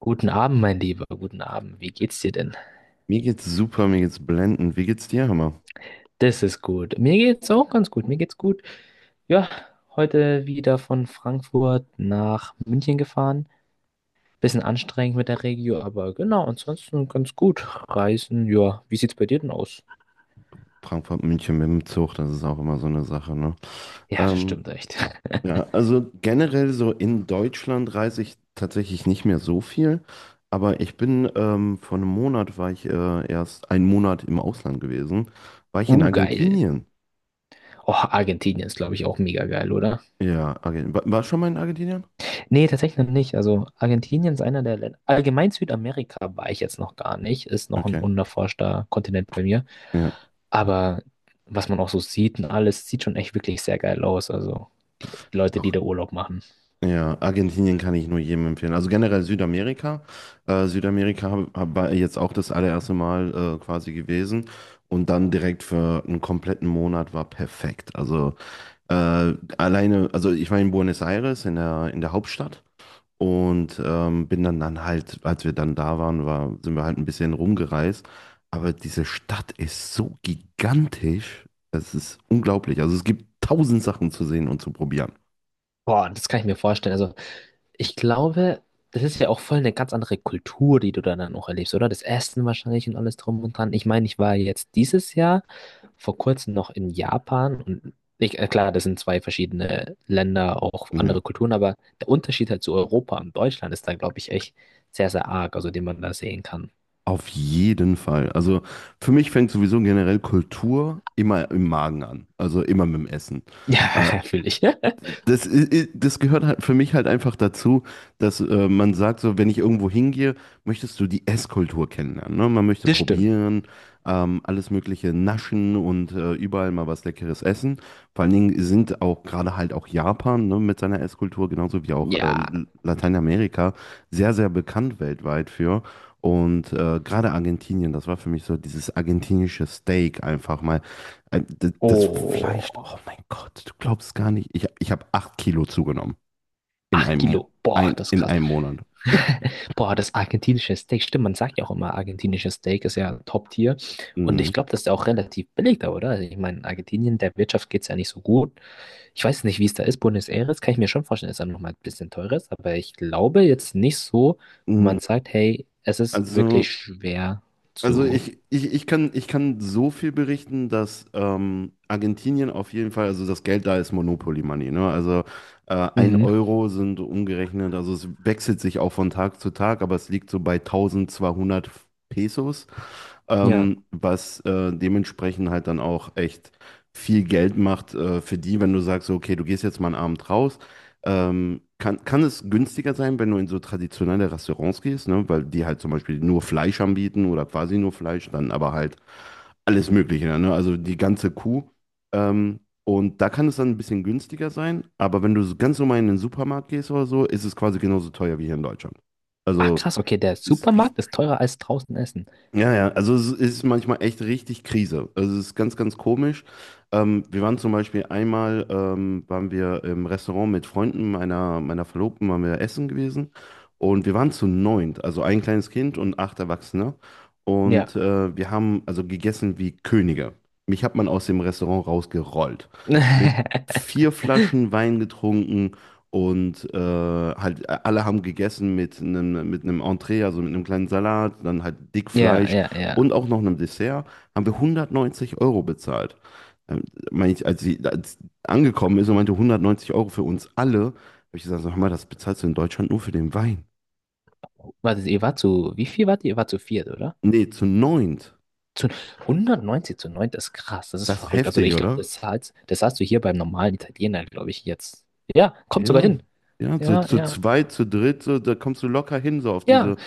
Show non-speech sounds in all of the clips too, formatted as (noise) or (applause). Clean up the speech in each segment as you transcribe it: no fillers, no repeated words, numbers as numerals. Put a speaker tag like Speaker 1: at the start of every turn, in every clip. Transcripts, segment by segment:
Speaker 1: Guten Abend, mein Lieber. Guten Abend. Wie geht's dir denn?
Speaker 2: Mir geht's super, mir geht's blendend. Wie geht's dir, Hammer?
Speaker 1: Das ist gut. Mir geht's auch ganz gut. Mir geht's gut. Ja, heute wieder von Frankfurt nach München gefahren. Bisschen anstrengend mit der Regio, aber genau, ansonsten ganz gut. Reisen, ja. Wie sieht's bei dir denn aus?
Speaker 2: Frankfurt, München mit dem Zug, das ist auch immer so eine Sache, ne?
Speaker 1: Ja, das
Speaker 2: Ähm,
Speaker 1: stimmt echt. (laughs)
Speaker 2: ja, also generell so in Deutschland reise ich tatsächlich nicht mehr so viel, aber ich bin vor einem Monat war ich erst einen Monat im Ausland gewesen, war ich in
Speaker 1: Geil.
Speaker 2: Argentinien.
Speaker 1: Oh, Argentinien ist, glaube ich, auch mega geil, oder?
Speaker 2: Ja, Argentinien. War schon mal in Argentinien?
Speaker 1: Nee, tatsächlich noch nicht. Also Argentinien ist einer der Länder. Allgemein Südamerika war ich jetzt noch gar nicht. Ist noch ein
Speaker 2: Okay.
Speaker 1: unerforschter Kontinent bei mir.
Speaker 2: Ja.
Speaker 1: Aber was man auch so sieht und alles, sieht schon echt wirklich sehr geil aus. Also die Leute, die
Speaker 2: Doch.
Speaker 1: da Urlaub machen.
Speaker 2: Ja, Argentinien kann ich nur jedem empfehlen. Also generell Südamerika. Südamerika war jetzt auch das allererste Mal quasi gewesen. Und dann direkt für einen kompletten Monat war perfekt. Also alleine, also ich war in Buenos Aires, in der Hauptstadt. Und bin dann, dann halt, als wir dann da waren, sind wir halt ein bisschen rumgereist. Aber diese Stadt ist so gigantisch. Es ist unglaublich. Also es gibt tausend Sachen zu sehen und zu probieren.
Speaker 1: Boah, das kann ich mir vorstellen. Also ich glaube, das ist ja auch voll eine ganz andere Kultur, die du da dann auch erlebst, oder? Das Essen wahrscheinlich und alles drum und dran. Ich meine, ich war jetzt dieses Jahr vor kurzem noch in Japan und ich, klar, das sind zwei verschiedene Länder, auch
Speaker 2: Ja.
Speaker 1: andere Kulturen, aber der Unterschied halt zu Europa und Deutschland ist da, glaube ich, echt sehr, sehr arg, also den man da sehen kann. (laughs)
Speaker 2: Auf jeden Fall. Also für mich fängt sowieso generell Kultur immer im Magen an, also immer mit dem Essen. Äh,
Speaker 1: Ja, fühle ich. (laughs)
Speaker 2: Das gehört halt für mich halt einfach dazu, dass man sagt, so, wenn ich irgendwo hingehe, möchtest du die Esskultur kennenlernen. Ne? Man möchte
Speaker 1: Das stimmt.
Speaker 2: probieren, alles Mögliche naschen und überall mal was Leckeres essen. Vor allen Dingen sind auch gerade halt auch Japan ne, mit seiner Esskultur, genauso wie auch
Speaker 1: Ja.
Speaker 2: Lateinamerika, sehr, sehr bekannt weltweit für. Und gerade Argentinien, das war für mich so dieses argentinische Steak einfach mal. Das Fleisch,
Speaker 1: Oh,
Speaker 2: oh mein Gott, du glaubst gar nicht. Ich habe 8 Kilo zugenommen in
Speaker 1: acht
Speaker 2: einem, Mo-
Speaker 1: Kilo. Boah,
Speaker 2: ein,
Speaker 1: das ist
Speaker 2: in
Speaker 1: krass.
Speaker 2: einem Monat.
Speaker 1: Boah, das argentinische Steak, stimmt, man sagt ja auch immer, argentinisches Steak ist ja Top-Tier. Und ich
Speaker 2: Mhm.
Speaker 1: glaube, das ist ja auch relativ billig da, oder? Also ich meine, Argentinien, der Wirtschaft geht es ja nicht so gut. Ich weiß nicht, wie es da ist. Buenos Aires kann ich mir schon vorstellen, ist dann nochmal ein bisschen teurer, ist, aber ich glaube jetzt nicht so, wo man
Speaker 2: Mhm.
Speaker 1: sagt, hey, es ist wirklich
Speaker 2: Also,
Speaker 1: schwer
Speaker 2: also
Speaker 1: zu.
Speaker 2: ich kann so viel berichten, dass Argentinien auf jeden Fall, also das Geld da ist Monopoly Money, ne? Also ein
Speaker 1: Mhm.
Speaker 2: Euro sind umgerechnet, also es wechselt sich auch von Tag zu Tag, aber es liegt so bei 1.200 Pesos,
Speaker 1: Ja.
Speaker 2: was dementsprechend halt dann auch echt viel Geld macht für die, wenn du sagst, so, okay, du gehst jetzt mal einen Abend raus. Kann es günstiger sein, wenn du in so traditionelle Restaurants gehst, ne? Weil die halt zum Beispiel nur Fleisch anbieten oder quasi nur Fleisch, dann aber halt alles Mögliche, ne? Also die ganze Kuh. Ähm, und da kann es dann ein bisschen günstiger sein, aber wenn du so ganz normal in den Supermarkt gehst oder so, ist es quasi genauso teuer wie hier in Deutschland.
Speaker 1: Ach
Speaker 2: Also
Speaker 1: krass, okay, der
Speaker 2: ist richtig.
Speaker 1: Supermarkt ist teurer als draußen essen.
Speaker 2: Ja, ja, also es ist manchmal echt richtig Krise. Also es ist ganz, ganz komisch. Wir waren zum Beispiel einmal, waren wir im Restaurant mit Freunden meiner Verlobten, waren wir essen gewesen. Und wir waren zu neunt, also ein kleines Kind und acht Erwachsene.
Speaker 1: Ja.
Speaker 2: Und wir haben also gegessen wie Könige. Mich hat man aus dem Restaurant rausgerollt. Mit
Speaker 1: (laughs)
Speaker 2: vier Flaschen Wein getrunken, und halt alle haben gegessen mit einem Entree, also mit einem kleinen Salat, dann halt
Speaker 1: Ja,
Speaker 2: Dickfleisch
Speaker 1: ja, ja.
Speaker 2: und auch noch einem Dessert, haben wir 190 € bezahlt. Ähm, Meine ich, als sie angekommen ist und meinte 190 € für uns alle, habe ich gesagt, sag mal, das bezahlst du in Deutschland nur für den Wein.
Speaker 1: Warte, ihr wart zu, wie viel wart ihr? Ihr wart zu viert, oder?
Speaker 2: Nee, zu neunt.
Speaker 1: 190 zu 9, das ist krass, das ist
Speaker 2: Das ist
Speaker 1: verrückt. Also
Speaker 2: heftig,
Speaker 1: ich glaube,
Speaker 2: oder?
Speaker 1: das zahlst du hier beim normalen Italiener, glaube ich, jetzt. Ja, kommt sogar
Speaker 2: Ja,
Speaker 1: hin.
Speaker 2: ja, so
Speaker 1: Ja,
Speaker 2: zu
Speaker 1: ja,
Speaker 2: zweit, zu dritt, so, da kommst du locker hin,
Speaker 1: ja.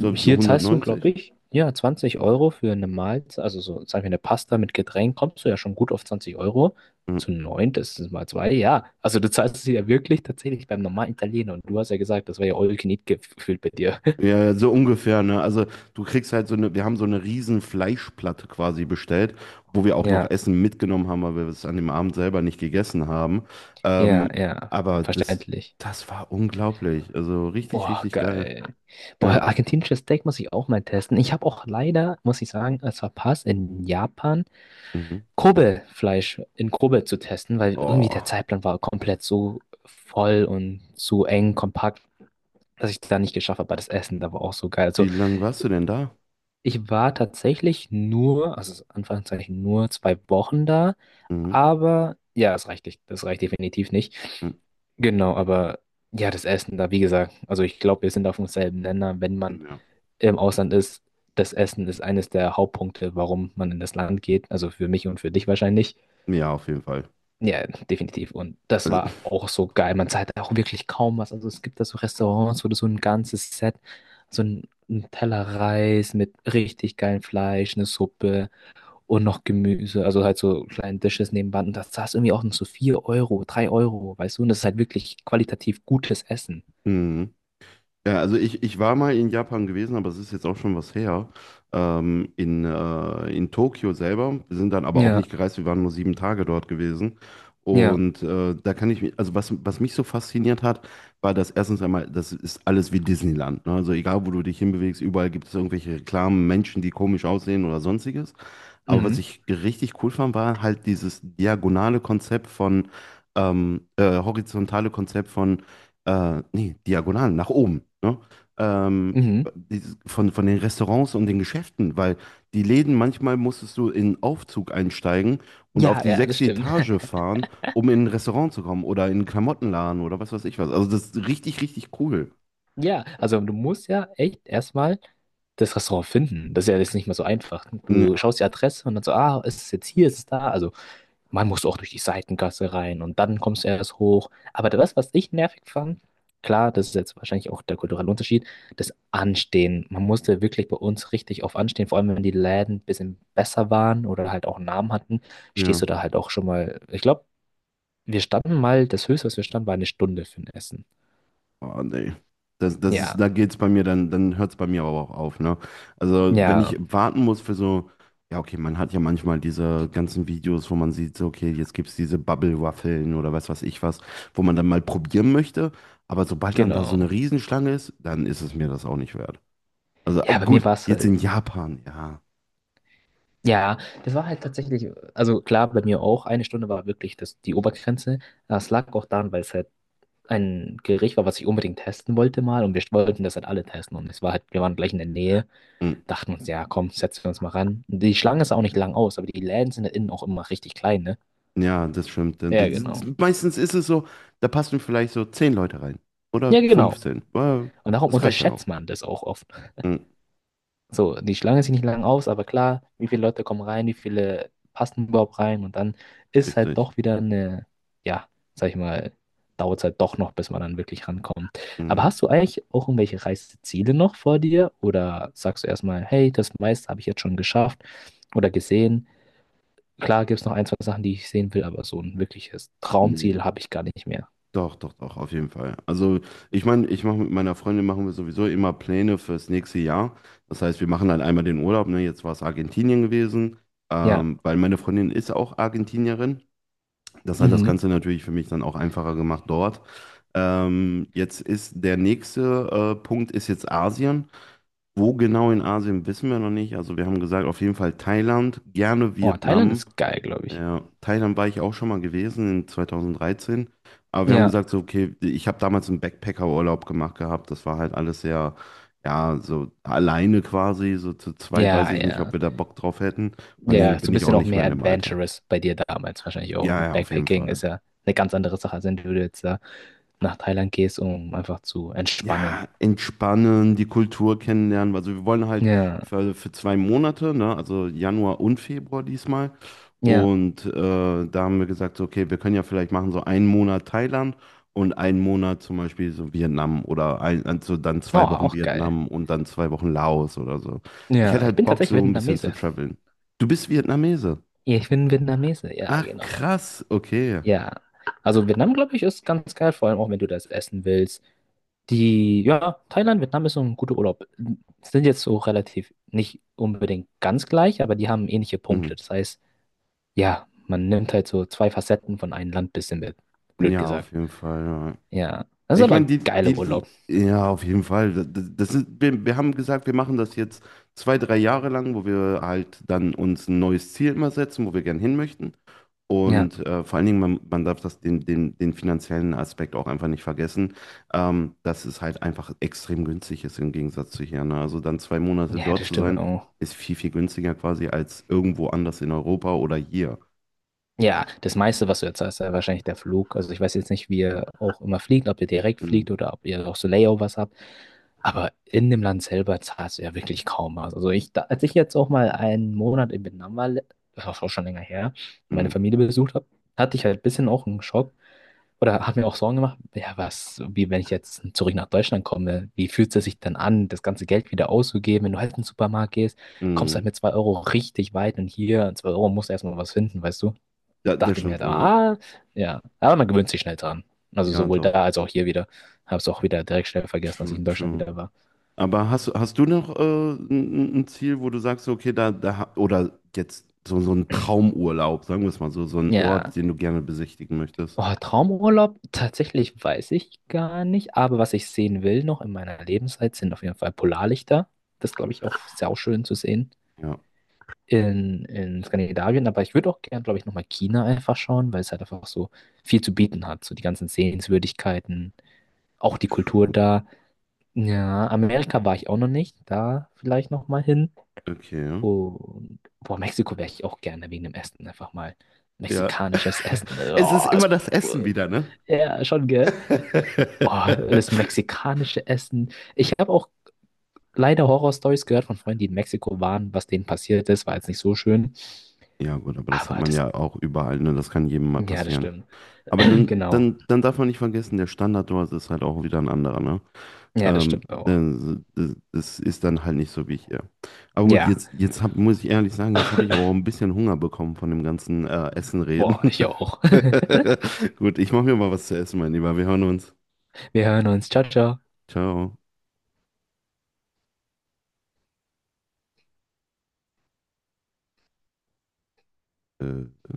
Speaker 2: so auf die
Speaker 1: Hier zahlst du,
Speaker 2: 190.
Speaker 1: glaube ich, ja, 20 € für eine Mahlzeit, also so, sagen wir, eine Pasta mit Getränk, kommst du ja schon gut auf 20 Euro. Zu 9, das ist mal 2. Ja. Also du zahlst es ja wirklich tatsächlich beim normalen Italiener. Und du hast ja gesagt, das war ja all you can eat gefühlt bei dir. (laughs)
Speaker 2: Ja, ja, so ungefähr, ne? Also du kriegst halt so eine, wir haben so eine riesen Fleischplatte quasi bestellt, wo wir auch noch
Speaker 1: Ja,
Speaker 2: Essen mitgenommen haben, weil wir es an dem Abend selber nicht gegessen haben.
Speaker 1: ja,
Speaker 2: Ähm,
Speaker 1: ja,
Speaker 2: aber das,
Speaker 1: verständlich.
Speaker 2: das war unglaublich. Also richtig,
Speaker 1: Boah,
Speaker 2: richtig geil.
Speaker 1: geil. Boah,
Speaker 2: Ja.
Speaker 1: argentinisches Steak muss ich auch mal testen. Ich habe auch leider, muss ich sagen, es verpasst, in Japan
Speaker 2: Mhm.
Speaker 1: Kobe-Fleisch in Kobe zu testen, weil irgendwie der
Speaker 2: Oh,
Speaker 1: Zeitplan war komplett so voll und so eng, kompakt, dass ich da nicht geschafft habe. Aber das Essen da war auch so geil. Also
Speaker 2: wie lange warst du denn da?
Speaker 1: ich war tatsächlich nur, also Anführungszeichen nur 2 Wochen da,
Speaker 2: Mhm.
Speaker 1: aber ja, es reicht nicht. Das reicht definitiv nicht.
Speaker 2: Mhm.
Speaker 1: Genau, aber ja, das Essen da, wie gesagt, also ich glaube, wir sind auf demselben Nenner, wenn man
Speaker 2: Ja.
Speaker 1: im Ausland ist, das Essen ist eines der Hauptpunkte, warum man in das Land geht. Also für mich und für dich wahrscheinlich.
Speaker 2: Ja, auf jeden Fall.
Speaker 1: Ja, definitiv. Und das
Speaker 2: Also,
Speaker 1: war auch so geil. Man zahlt auch wirklich kaum was. Also es gibt da so Restaurants, wo du so ein ganzes Set, so ein Teller Reis mit richtig geilem Fleisch, eine Suppe und noch Gemüse. Also halt so kleine Dishes nebenbei. Und das zahlst du irgendwie auch noch so 4 Euro, 3 Euro, weißt du? Und das ist halt wirklich qualitativ gutes Essen.
Speaker 2: (laughs) mhm. Ja, also ich war mal in Japan gewesen, aber es ist jetzt auch schon was her. In Tokio selber. Wir sind dann aber auch nicht
Speaker 1: Ja,
Speaker 2: gereist, wir waren nur 7 Tage dort gewesen.
Speaker 1: ja.
Speaker 2: Und da kann ich mich, also was mich so fasziniert hat, war das erstens einmal, das ist alles wie Disneyland. Ne? Also egal, wo du dich hinbewegst, überall gibt es irgendwelche Reklamen, Menschen, die komisch aussehen oder sonstiges. Aber was
Speaker 1: Mhm.
Speaker 2: ich richtig cool fand, war halt dieses diagonale Konzept von, horizontale Konzept von, nee, diagonal, nach oben, ne? Ähm,
Speaker 1: Mhm.
Speaker 2: von den Restaurants und den Geschäften, weil die Läden, manchmal musstest du in einen Aufzug einsteigen und auf
Speaker 1: Ja,
Speaker 2: die
Speaker 1: ja, das
Speaker 2: sechste
Speaker 1: stimmt.
Speaker 2: Etage fahren, um in ein Restaurant zu kommen oder in einen Klamottenladen oder was weiß ich was. Also das ist richtig, richtig cool.
Speaker 1: Ja, also du musst ja echt erstmal das Restaurant finden. Das ist ja jetzt nicht mehr so einfach. Du
Speaker 2: Ja.
Speaker 1: schaust die Adresse und dann so, ah, ist es jetzt hier, ist es da? Also man muss auch durch die Seitengasse rein und dann kommst du erst hoch. Aber das, was ich nervig fand, klar, das ist jetzt wahrscheinlich auch der kulturelle Unterschied, das Anstehen. Man musste wirklich bei uns richtig auf Anstehen, vor allem wenn die Läden ein bisschen besser waren oder halt auch einen Namen hatten, stehst du
Speaker 2: Ja.
Speaker 1: da halt auch schon mal. Ich glaube, wir standen mal, das Höchste, was wir standen, war eine Stunde für ein Essen.
Speaker 2: Oh, nee.
Speaker 1: Ja,
Speaker 2: Da geht's bei mir, dann hört's bei mir aber auch auf, ne? Also, wenn ich
Speaker 1: ja,
Speaker 2: warten muss für so, ja, okay, man hat ja manchmal diese ganzen Videos, wo man sieht, so, okay, jetzt gibt's diese Bubble-Waffeln oder was weiß ich was, wo man dann mal probieren möchte, aber sobald dann da so eine
Speaker 1: genau.
Speaker 2: Riesenschlange ist, dann ist es mir das auch nicht wert. Also, oh,
Speaker 1: Ja, bei mir
Speaker 2: gut,
Speaker 1: war es
Speaker 2: jetzt
Speaker 1: halt,
Speaker 2: in Japan, ja.
Speaker 1: ja, das war halt tatsächlich, also klar, bei mir auch, eine Stunde war wirklich das, die Obergrenze. Das lag auch daran, weil es halt ein Gericht war, was ich unbedingt testen wollte mal und wir wollten das halt alle testen und es war halt, wir waren gleich in der Nähe,
Speaker 2: Mm.
Speaker 1: dachten uns, ja, komm, setzen wir uns mal ran. Und die Schlange ist auch nicht lang aus, aber die Läden sind halt innen auch immer richtig klein, ne?
Speaker 2: Ja, das stimmt.
Speaker 1: Ja, genau.
Speaker 2: Meistens ist es so, da passen vielleicht so 10 Leute rein. Oder
Speaker 1: Ja, genau.
Speaker 2: 15. Ja,
Speaker 1: Und darum
Speaker 2: das reicht dann auch.
Speaker 1: unterschätzt man das auch oft.
Speaker 2: Mm.
Speaker 1: So, die Schlange sieht nicht lang aus, aber klar, wie viele Leute kommen rein, wie viele passen überhaupt rein und dann ist halt
Speaker 2: Richtig.
Speaker 1: doch wieder eine, ja, sag ich mal, dauert es halt doch noch, bis man dann wirklich rankommt. Aber
Speaker 2: Mm.
Speaker 1: hast du eigentlich auch irgendwelche Reiseziele noch vor dir oder sagst du erstmal, hey, das meiste habe ich jetzt schon geschafft oder gesehen? Klar gibt es noch ein, zwei Sachen, die ich sehen will, aber so ein wirkliches
Speaker 2: Nee,
Speaker 1: Traumziel habe ich gar nicht mehr.
Speaker 2: doch, doch, doch, auf jeden Fall. Also, ich meine, ich mache mit meiner Freundin machen wir sowieso immer Pläne fürs nächste Jahr. Das heißt, wir machen dann einmal den Urlaub, ne? Jetzt war es Argentinien gewesen,
Speaker 1: Ja,
Speaker 2: weil meine Freundin ist auch Argentinierin. Das hat das
Speaker 1: mhm.
Speaker 2: Ganze natürlich für mich dann auch einfacher gemacht dort. Jetzt ist der nächste Punkt ist jetzt Asien. Wo genau in Asien wissen wir noch nicht. Also wir haben gesagt, auf jeden Fall Thailand, gerne
Speaker 1: Oh, Thailand
Speaker 2: Vietnam.
Speaker 1: ist geil, glaube ich.
Speaker 2: Ja, Thailand war ich auch schon mal gewesen in 2013. Aber wir haben
Speaker 1: Ja,
Speaker 2: gesagt, so, okay, ich habe damals einen Backpacker-Urlaub gemacht gehabt. Das war halt alles sehr, ja, so alleine quasi. So zu zweit weiß
Speaker 1: ja,
Speaker 2: ich nicht, ob
Speaker 1: ja.
Speaker 2: wir da Bock drauf hätten. Vor allen
Speaker 1: Ja,
Speaker 2: Dingen
Speaker 1: so
Speaker 2: bin
Speaker 1: ein
Speaker 2: ich auch
Speaker 1: bisschen auch
Speaker 2: nicht mehr
Speaker 1: mehr
Speaker 2: in dem Alter.
Speaker 1: adventurous bei dir damals wahrscheinlich auch.
Speaker 2: Ja,
Speaker 1: Mit
Speaker 2: ja, auf jeden
Speaker 1: Backpacking
Speaker 2: Fall.
Speaker 1: ist ja eine ganz andere Sache, als wenn du jetzt da nach Thailand gehst, um einfach zu entspannen.
Speaker 2: Ja, entspannen, die Kultur kennenlernen. Also wir wollen halt
Speaker 1: Ja,
Speaker 2: für 2 Monate, ne, also Januar und Februar diesmal.
Speaker 1: ja.
Speaker 2: Und da haben wir gesagt, so, okay, wir können ja vielleicht machen so einen Monat Thailand und einen Monat zum Beispiel so Vietnam oder also dann
Speaker 1: Oh,
Speaker 2: 2 Wochen
Speaker 1: auch geil.
Speaker 2: Vietnam und dann 2 Wochen Laos oder so. Ich
Speaker 1: Ja,
Speaker 2: hätte
Speaker 1: ich
Speaker 2: halt
Speaker 1: bin
Speaker 2: Bock,
Speaker 1: tatsächlich
Speaker 2: so ein bisschen zu
Speaker 1: Vietnamese.
Speaker 2: traveln. Du bist Vietnamese.
Speaker 1: Ja, ich bin Vietnamese. Ja,
Speaker 2: Ach,
Speaker 1: genau.
Speaker 2: krass, okay.
Speaker 1: Ja. Also Vietnam, glaube ich, ist ganz geil, vor allem auch, wenn du das essen willst. Ja, Thailand, Vietnam ist so ein guter Urlaub. Sind jetzt so relativ nicht unbedingt ganz gleich, aber die haben ähnliche Punkte.
Speaker 2: Mhm.
Speaker 1: Das heißt, ja, man nimmt halt so zwei Facetten von einem Land bisschen mit. Blöd
Speaker 2: Ja,
Speaker 1: gesagt.
Speaker 2: auf jeden Fall. Ja.
Speaker 1: Ja, das ist
Speaker 2: Ich meine,
Speaker 1: aber geiler Urlaub.
Speaker 2: ja, auf jeden Fall. Wir haben gesagt, wir machen das jetzt zwei, drei Jahre lang, wo wir halt dann uns ein neues Ziel immer setzen, wo wir gern hin möchten.
Speaker 1: Ja,
Speaker 2: Und vor allen Dingen, man darf das den finanziellen Aspekt auch einfach nicht vergessen, dass es halt einfach extrem günstig ist im Gegensatz zu hier. Ne? Also dann 2 Monate
Speaker 1: ja,
Speaker 2: dort
Speaker 1: das
Speaker 2: zu
Speaker 1: stimmt
Speaker 2: sein,
Speaker 1: auch.
Speaker 2: ist viel, viel günstiger quasi als irgendwo anders in Europa oder hier.
Speaker 1: Ja, das meiste, was du jetzt hast, ist ja wahrscheinlich der Flug. Also ich weiß jetzt nicht, wie ihr auch immer fliegt, ob ihr direkt
Speaker 2: Mhm.
Speaker 1: fliegt oder ob ihr auch so Layovers habt. Aber in dem Land selber zahlst du ja wirklich kaum was. Also ich, als ich jetzt auch mal einen Monat in Vietnam war, das war auch schon länger her, und meine
Speaker 2: Mhm.
Speaker 1: Familie besucht habe, hatte ich halt ein bisschen auch einen Schock, oder hat mir auch Sorgen gemacht, ja, was, wie wenn ich jetzt zurück nach Deutschland komme, wie fühlt es sich dann an, das ganze Geld wieder auszugeben? Wenn du halt in den Supermarkt gehst, kommst halt
Speaker 2: Mhm.
Speaker 1: mit 2 € richtig weit und hier, 2 € musst du erstmal was finden, weißt du? Und
Speaker 2: Ja, das
Speaker 1: dachte mir
Speaker 2: stimmt
Speaker 1: halt,
Speaker 2: wohl.
Speaker 1: ah, ja, aber man gewöhnt sich schnell dran. Also
Speaker 2: Ja,
Speaker 1: sowohl da
Speaker 2: doch.
Speaker 1: als auch hier wieder. Hab's auch wieder direkt schnell vergessen, dass ich
Speaker 2: True,
Speaker 1: in Deutschland
Speaker 2: true.
Speaker 1: wieder war.
Speaker 2: Aber hast du noch ein Ziel, wo du sagst, okay, oder jetzt so, so ein Traumurlaub, sagen wir es mal so, so ein
Speaker 1: Ja.
Speaker 2: Ort, den du gerne besichtigen möchtest?
Speaker 1: Oh, Traumurlaub, tatsächlich weiß ich gar nicht, aber was ich sehen will noch in meiner Lebenszeit sind auf jeden Fall Polarlichter. Das glaube ich auch sehr schön zu sehen
Speaker 2: Ja,
Speaker 1: in Skandinavien, aber ich würde auch gern, glaube ich, nochmal China einfach schauen, weil es halt einfach so viel zu bieten hat. So die ganzen Sehenswürdigkeiten, auch die Kultur da. Ja, Amerika war ich auch noch nicht, da vielleicht nochmal hin.
Speaker 2: okay.
Speaker 1: Und boah, Mexiko wäre ich auch gerne wegen dem Essen einfach mal.
Speaker 2: Ja.
Speaker 1: Mexikanisches
Speaker 2: (laughs)
Speaker 1: Essen.
Speaker 2: Es ist
Speaker 1: Oh, das,
Speaker 2: immer das Essen wieder, ne?
Speaker 1: ja, schon, gell? Oh,
Speaker 2: (laughs)
Speaker 1: das mexikanische Essen. Ich habe auch leider Horror-Stories gehört von Freunden, die in Mexiko waren, was denen passiert ist, war jetzt nicht so schön.
Speaker 2: Ja, gut, aber das hat
Speaker 1: Aber
Speaker 2: man
Speaker 1: das,
Speaker 2: ja auch überall, ne? Das kann jedem mal
Speaker 1: ja, das
Speaker 2: passieren.
Speaker 1: stimmt.
Speaker 2: Aber dann,
Speaker 1: Genau.
Speaker 2: dann, dann darf man nicht vergessen, der Standard dort ist halt auch wieder ein anderer, ne?
Speaker 1: Ja, das stimmt auch.
Speaker 2: Das ist dann halt nicht so wie hier. Aber gut,
Speaker 1: Ja,
Speaker 2: muss ich ehrlich sagen, jetzt habe ich aber auch ein bisschen Hunger bekommen von dem ganzen Essen
Speaker 1: boah,
Speaker 2: reden.
Speaker 1: ich auch. (laughs)
Speaker 2: (laughs) Gut, ich mache mir mal was zu essen, mein Lieber. Wir hören uns.
Speaker 1: Wir hören uns. Ciao, ciao.
Speaker 2: Ciao. Äh.